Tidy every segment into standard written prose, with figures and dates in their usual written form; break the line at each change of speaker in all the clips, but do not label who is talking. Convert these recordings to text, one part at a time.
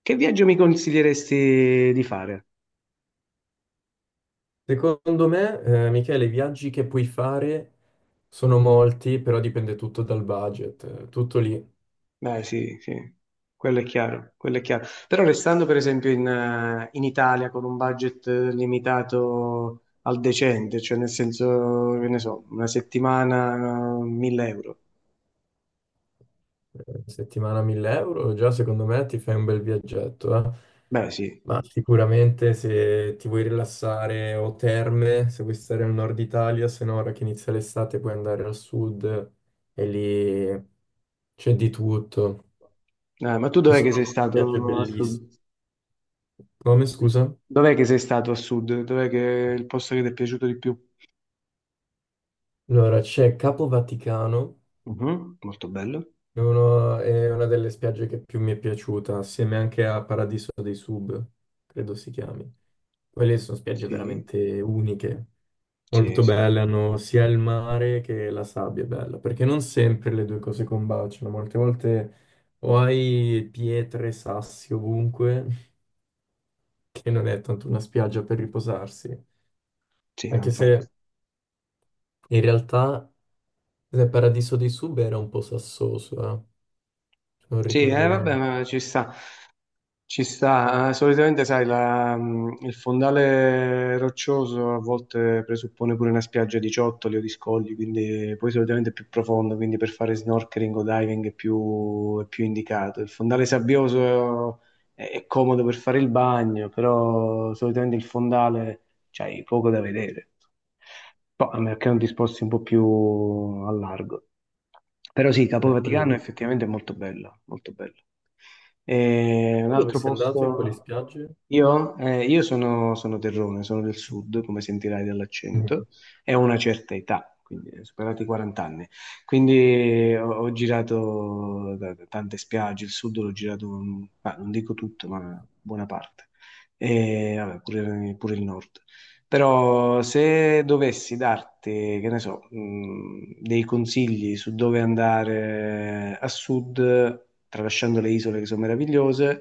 Che viaggio mi consiglieresti di fare?
Secondo me, Michele, i viaggi che puoi fare sono molti, però dipende tutto dal budget. Tutto lì.
Beh, sì, sì, quello è chiaro, quello è chiaro. Però restando per esempio in Italia con un budget limitato al decente, cioè nel senso, che ne so, una settimana, 1.000 euro.
Settimana 1000 euro, già secondo me ti fai un bel viaggetto, eh.
Beh, sì.
Ma sicuramente se ti vuoi rilassare o terme, se vuoi stare al nord Italia, se no ora che inizia l'estate puoi andare al sud e lì c'è di tutto.
Ma tu
Ci
dov'è che
sono
sei
viaggi
stato a
bellissimi.
sud?
Come scusa?
Dov'è che sei stato a sud? Dov'è che è il posto che ti è piaciuto di più?
Allora, c'è Capo Vaticano.
Mhm, molto bello.
È una delle spiagge che più mi è piaciuta, assieme anche a Paradiso dei Sub, credo si chiami. Quelle sono spiagge
Sì,
veramente uniche,
sì,
molto
sì.
belle, hanno sia il mare che la sabbia è bella, perché non sempre le due cose combaciano, molte volte o hai pietre, sassi ovunque, che non è tanto una spiaggia per riposarsi,
Sì, no,
anche
infatti.
se in realtà il Paradiso dei Sub era un po' sassoso, se non
Sì,
ricordo male.
vabbè, ma ci sta. Ci sta, solitamente sai, il fondale roccioso a volte presuppone pure una spiaggia di ciottoli o di scogli, quindi poi solitamente è più profondo, quindi per fare snorkeling o diving è più indicato. Il fondale sabbioso è comodo per fare il bagno, però solitamente il fondale c'hai poco da vedere. Poi, a meno che non ti sposti un po' più a largo. Però sì, Capo
Quello è.
Vaticano effettivamente è effettivamente molto bella, molto bella. E un
Tu dove
altro
sei andato in quelle
posto.
spiagge?
Io sono terrone, sono del sud, come sentirai
Mm.
dall'accento, e ho una certa età, quindi superati i 40 anni. Quindi ho girato da tante spiagge, il sud l'ho girato, ma non dico tutto, ma buona parte. E vabbè, pure pure il nord. Però se dovessi darti, che ne so, dei consigli su dove andare a sud, tralasciando le isole che sono meravigliose,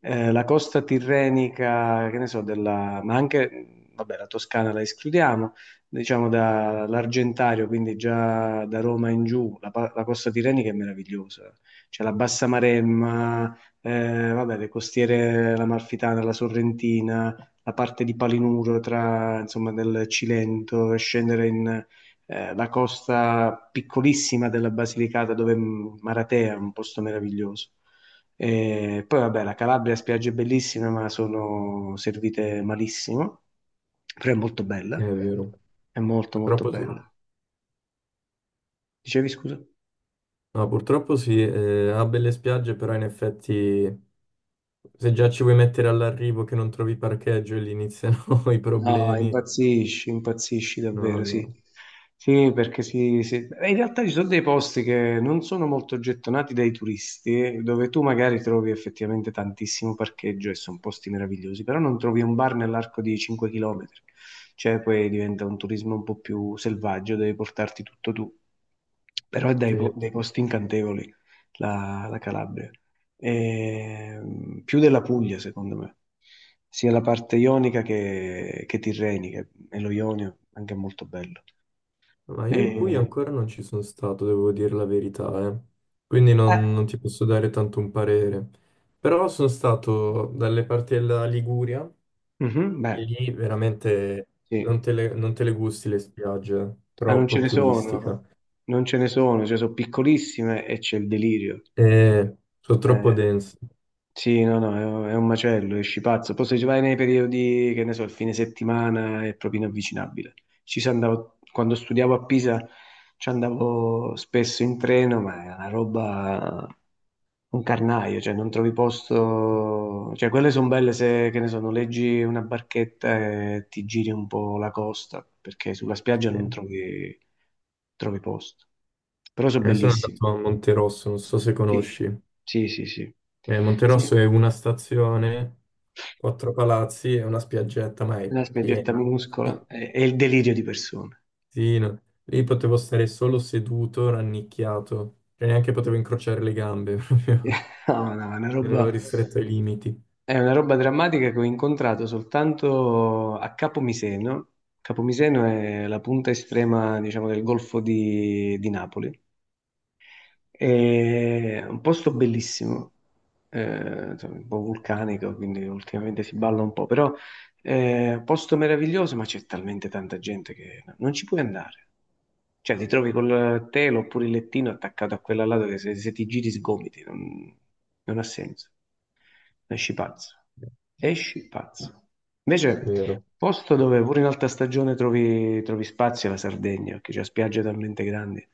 la costa tirrenica, che ne so, ma anche, vabbè, la Toscana la escludiamo, diciamo dall'Argentario, quindi già da Roma in giù, la costa tirrenica è meravigliosa. C'è la Bassa Maremma, vabbè, le costiere, l'Amalfitana, la Sorrentina, la parte di Palinuro tra, insomma, del Cilento e scendere in, la costa piccolissima della Basilicata dove Maratea è un posto meraviglioso. E poi vabbè, la Calabria ha spiagge bellissime, ma sono servite malissimo, però è molto bella,
È vero,
è molto molto
purtroppo sì.
bella. Dicevi scusa?
No, purtroppo sì, ha belle spiagge, però in effetti se già ci vuoi mettere all'arrivo che non trovi parcheggio e lì iniziano i
No,
problemi.
impazzisci, impazzisci
No,
davvero, sì.
no.
Sì, perché sì, sì. In realtà ci sono dei posti che non sono molto gettonati dai turisti, dove tu magari trovi effettivamente tantissimo parcheggio e sono posti meravigliosi, però non trovi un bar nell'arco di 5 km. Cioè, poi diventa un turismo un po' più selvaggio, devi portarti tutto tu. Però è dai,
Sì.
dei posti incantevoli la Calabria. Più della Puglia, secondo me, sia la parte ionica che tirrenica, e lo Ionio anche è molto bello.
Ma io in Puglia
Eh,
ancora non ci sono stato, devo dire la verità, eh. Quindi
eh,
non ti posso dare tanto un parere. Però sono stato dalle parti della Liguria.
mhm,
E
beh,
lì veramente
sì,
non te le gusti le spiagge,
ma non ce
troppo
ne
turistica.
sono, non ce ne sono, cioè sono piccolissime e c'è il delirio.
E sono troppo
Eh,
dense.
Sì, no, no, è un macello, esci pazzo. Poi se ci vai nei periodi, che ne so, il fine settimana è proprio inavvicinabile. Ci si andavo, quando studiavo a Pisa ci andavo spesso in treno, ma è una roba, un carnaio, cioè non trovi posto. Cioè quelle sono belle se, che ne so, noleggi una barchetta e ti giri un po' la costa, perché sulla spiaggia
Sì.
non trovi, trovi posto. Però sono
Sono
bellissimi.
andato a Monterosso, non so se
Sì,
conosci.
sì, sì, sì. Sì.
Monterosso è una stazione, quattro palazzi e una spiaggetta, ma è
Una spiaggetta
piena.
minuscola,
Sì,
è il delirio di persone.
sì, no. Lì potevo stare solo seduto, rannicchiato, e neanche potevo incrociare le gambe, proprio.
No, no, è una
Ero
roba,
ristretto ai limiti.
è una roba drammatica che ho incontrato soltanto a Capomiseno. Capomiseno è la punta estrema, diciamo, del Golfo di Napoli. È un posto bellissimo, insomma, un po' vulcanico, quindi ultimamente si balla un po', però posto meraviglioso, ma c'è talmente tanta gente che no, non ci puoi andare. Cioè, ti trovi col telo oppure il lettino attaccato a quella lato che se ti giri sgomiti, non ha senso. Esci pazzo. Esci pazzo. Invece,
Vero.
posto dove pure in alta stagione trovi, trovi spazi è la Sardegna, che c'è spiagge talmente grandi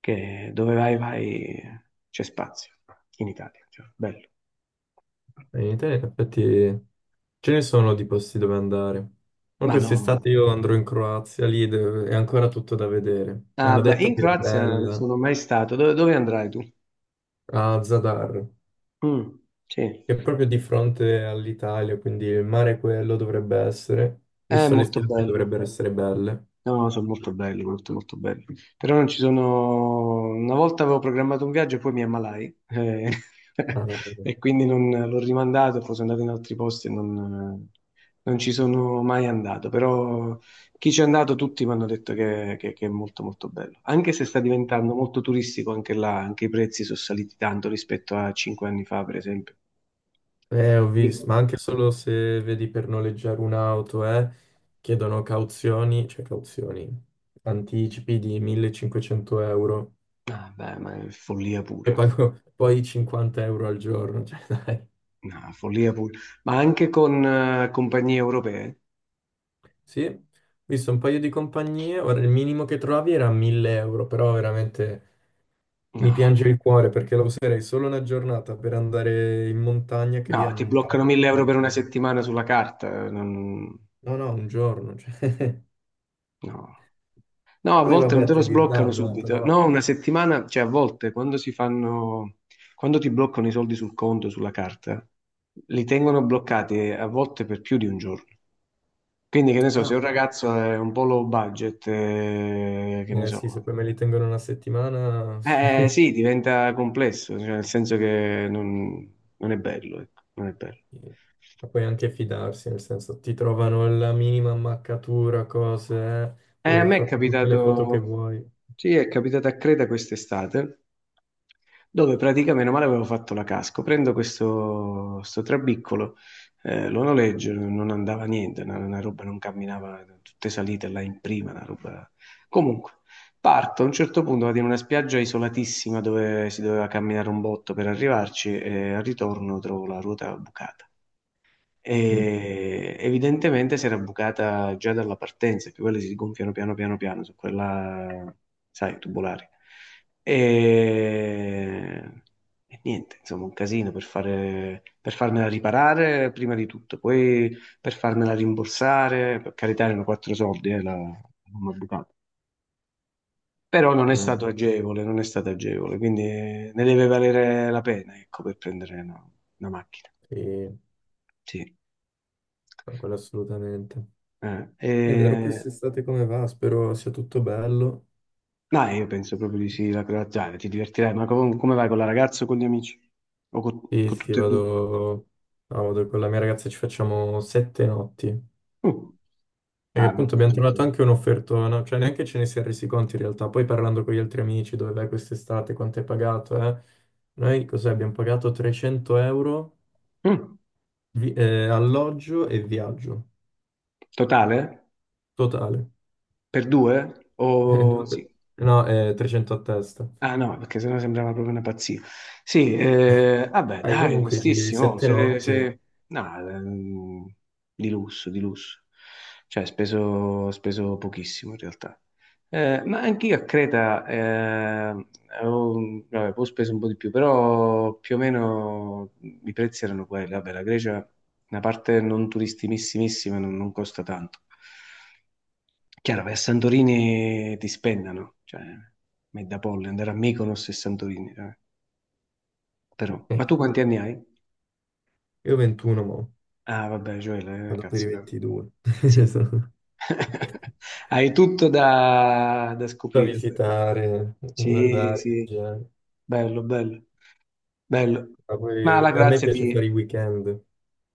che dove vai, vai, c'è spazio in Italia. Cioè, bello.
In Italia, in effetti, ce ne sono di posti dove andare. Ma
Madonna.
quest'estate io andrò in Croazia, è ancora tutto da vedere. Mi
Ah,
hanno
beh,
detto
in
che è
Croazia non
bella
sono mai stato. Dove andrai tu?
a Zadar,
Mm, sì,
che è proprio di fronte all'Italia, quindi il mare quello dovrebbe essere,
è
visto le
molto
spiagge
bello.
dovrebbero essere belle.
No, sono molto belli, molto molto belli. Però non ci sono. Una volta avevo programmato un viaggio e poi mi ammalai.
Ah,
E quindi non l'ho rimandato, poi sono andato in altri posti e non ci sono mai andato. Però chi ci è andato tutti mi hanno detto che è molto molto bello. Anche se sta diventando molto turistico anche là, anche i prezzi sono saliti tanto rispetto a 5 anni fa, per esempio.
ho visto, ma anche solo se vedi per noleggiare un'auto, chiedono cauzioni, cioè cauzioni, anticipi di 1500 euro
Ah, beh, ma è follia
e
pura.
pago poi 50 euro al giorno. Cioè, dai.
No, follia pura. Ma anche con compagnie europee?
Sì, ho visto un paio di compagnie, ora il minimo che trovavi era 1000 euro, però veramente mi piange
No,
il cuore perché la userei solo una giornata per andare in montagna che lì
no,
hanno
ti
un
bloccano
parco
1.000 euro per una settimana sulla carta.
No, no, un giorno, cioè.
No. No, a
Poi
volte non
vabbè,
te lo
te li
sbloccano
ridanno,
subito.
però.
No, una settimana, cioè a volte quando si fanno, quando ti bloccano i soldi sul conto, sulla carta, li tengono bloccati a volte per più di un giorno. Quindi, che ne so,
Ah,
se un ragazzo è un po' low budget, che ne
sì, se
so.
poi me li tengono una settimana.
Sì, diventa complesso, cioè, nel senso che non è bello, ecco, non è bello.
Ma puoi anche fidarsi, nel senso, ti trovano la minima ammaccatura, cose,
Eh,
puoi
a
aver
me è
fatto tutte le foto che
capitato,
vuoi.
sì, è capitato a Creta quest'estate, dove praticamente, meno male, avevo fatto la casco. Prendo questo, sto trabiccolo, lo noleggio, non andava niente, una roba non camminava, tutte salite là in prima, una roba. Comunque, parto, a un certo punto vado in una spiaggia isolatissima dove si doveva camminare un botto per arrivarci e al ritorno trovo la ruota bucata
Mm,
e evidentemente si era bucata già dalla partenza, che quelle si gonfiano piano piano piano su quella, sai, tubolare. E, e niente, insomma, un casino per farmela riparare prima di tutto, poi per farmela rimborsare, per carità erano quattro soldi, la gomma bucata. Però non è stato
mm,
agevole, non è stato agevole, quindi ne deve valere la pena, ecco, per prendere una macchina.
sì.
Sì.
Ma quello assolutamente.
Eh,
Io vedrò
e-
quest'estate come va, spero sia tutto bello.
No, io penso proprio di sì, la croaziana, ti divertirai, ma come vai con la ragazza o con gli amici? O
Sì,
con
sì,
tutte e due?
vado, no, vado con la mia ragazza, ci facciamo 7 notti.
Mm.
Perché
Ah, beh,
appunto
beh,
abbiamo
beh,
trovato anche
beh.
un'offertona, cioè neanche ce ne si è resi conto in realtà. Poi parlando con gli altri amici, dove vai quest'estate, quanto hai pagato, eh? Noi cos'è? Abbiamo pagato 300 euro
Mm.
alloggio e viaggio,
Totale?
totale.
Per due? O sì.
No, 300 a testa.
Ah no, perché sennò sembrava proprio una pazzia. Sì, vabbè,
Raga,
dai,
comunque,
onestissimo,
sette notti.
no, di lusso, di lusso. Cioè, speso pochissimo in realtà. Ma anch'io a Creta avevo, vabbè, poi ho speso un po' di più, però più o meno i prezzi erano quelli. Vabbè, la Grecia, una parte non turistimissima non costa tanto. Chiaro, vai a Santorini ti spennano, cioè, Medapolli, andare a Mykonos e Santorini. Però, ma tu
Eh,
quanti anni hai?
Io 21 mo.
Ah, vabbè, Gioele,
Vado per i
cazzo.
22.
Sì.
Esatto.
Hai tutto da
Da
scoprire, però.
visitare,
Sì,
guardare,
sì,
viaggiare.
bello, bello, bello.
Ma
Ma la
poi a me
grazia
piace fare i
ti.
weekend,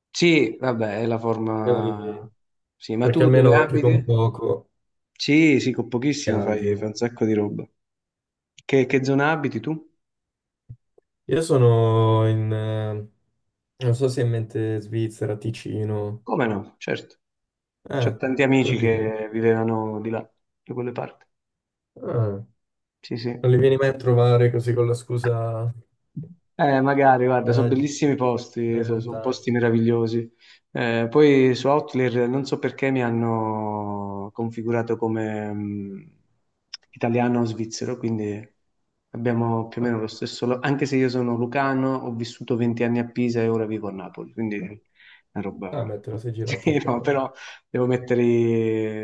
Sì, vabbè, è la forma.
quindi-
Sì, ma
perché
tu dove
almeno anche con
abiti?
poco
Sì, sì, con pochissimo fai,
viaggi.
fai un sacco di roba. Che zona abiti tu?
Io sono in, eh, Non so se è in mente Svizzera, Ticino.
Come no? Certo. C'ho
Eh,
tanti amici
Lì.
che vivevano di là, da quelle parti.
Ah,
Sì,
non
sì.
li vieni mai a trovare così con la scusa
Magari, guarda, sono
viaggi,
bellissimi posti,
delle
posti
montagne.
meravigliosi. Poi su Outlier non so perché mi hanno configurato come italiano o svizzero, quindi abbiamo più o
Ah,
meno lo stesso. Anche se io sono lucano, ho vissuto 20 anni a Pisa e ora vivo a Napoli, quindi è una
ah,
roba.
beh, te la sei girato un
Sì, no,
po'.
però devo mettere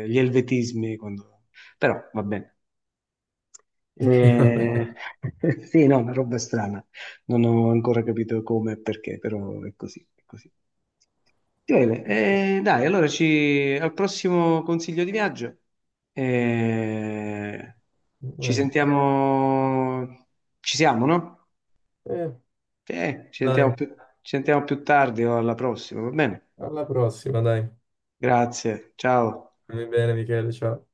gli elvetismi quando. Però va bene.
Vabbè.
Eh, sì, no, una roba strana. Non ho ancora capito come e perché, però è così, è così. Bene, dai, allora ci. Al prossimo consiglio di viaggio. Eh, ci
Eh,
sentiamo. Ci siamo, no?
Eh, dai,
Ci sentiamo più tardi o alla prossima, va bene?
alla prossima, dai.
Grazie, ciao.
Stammi bene, Michele, ciao.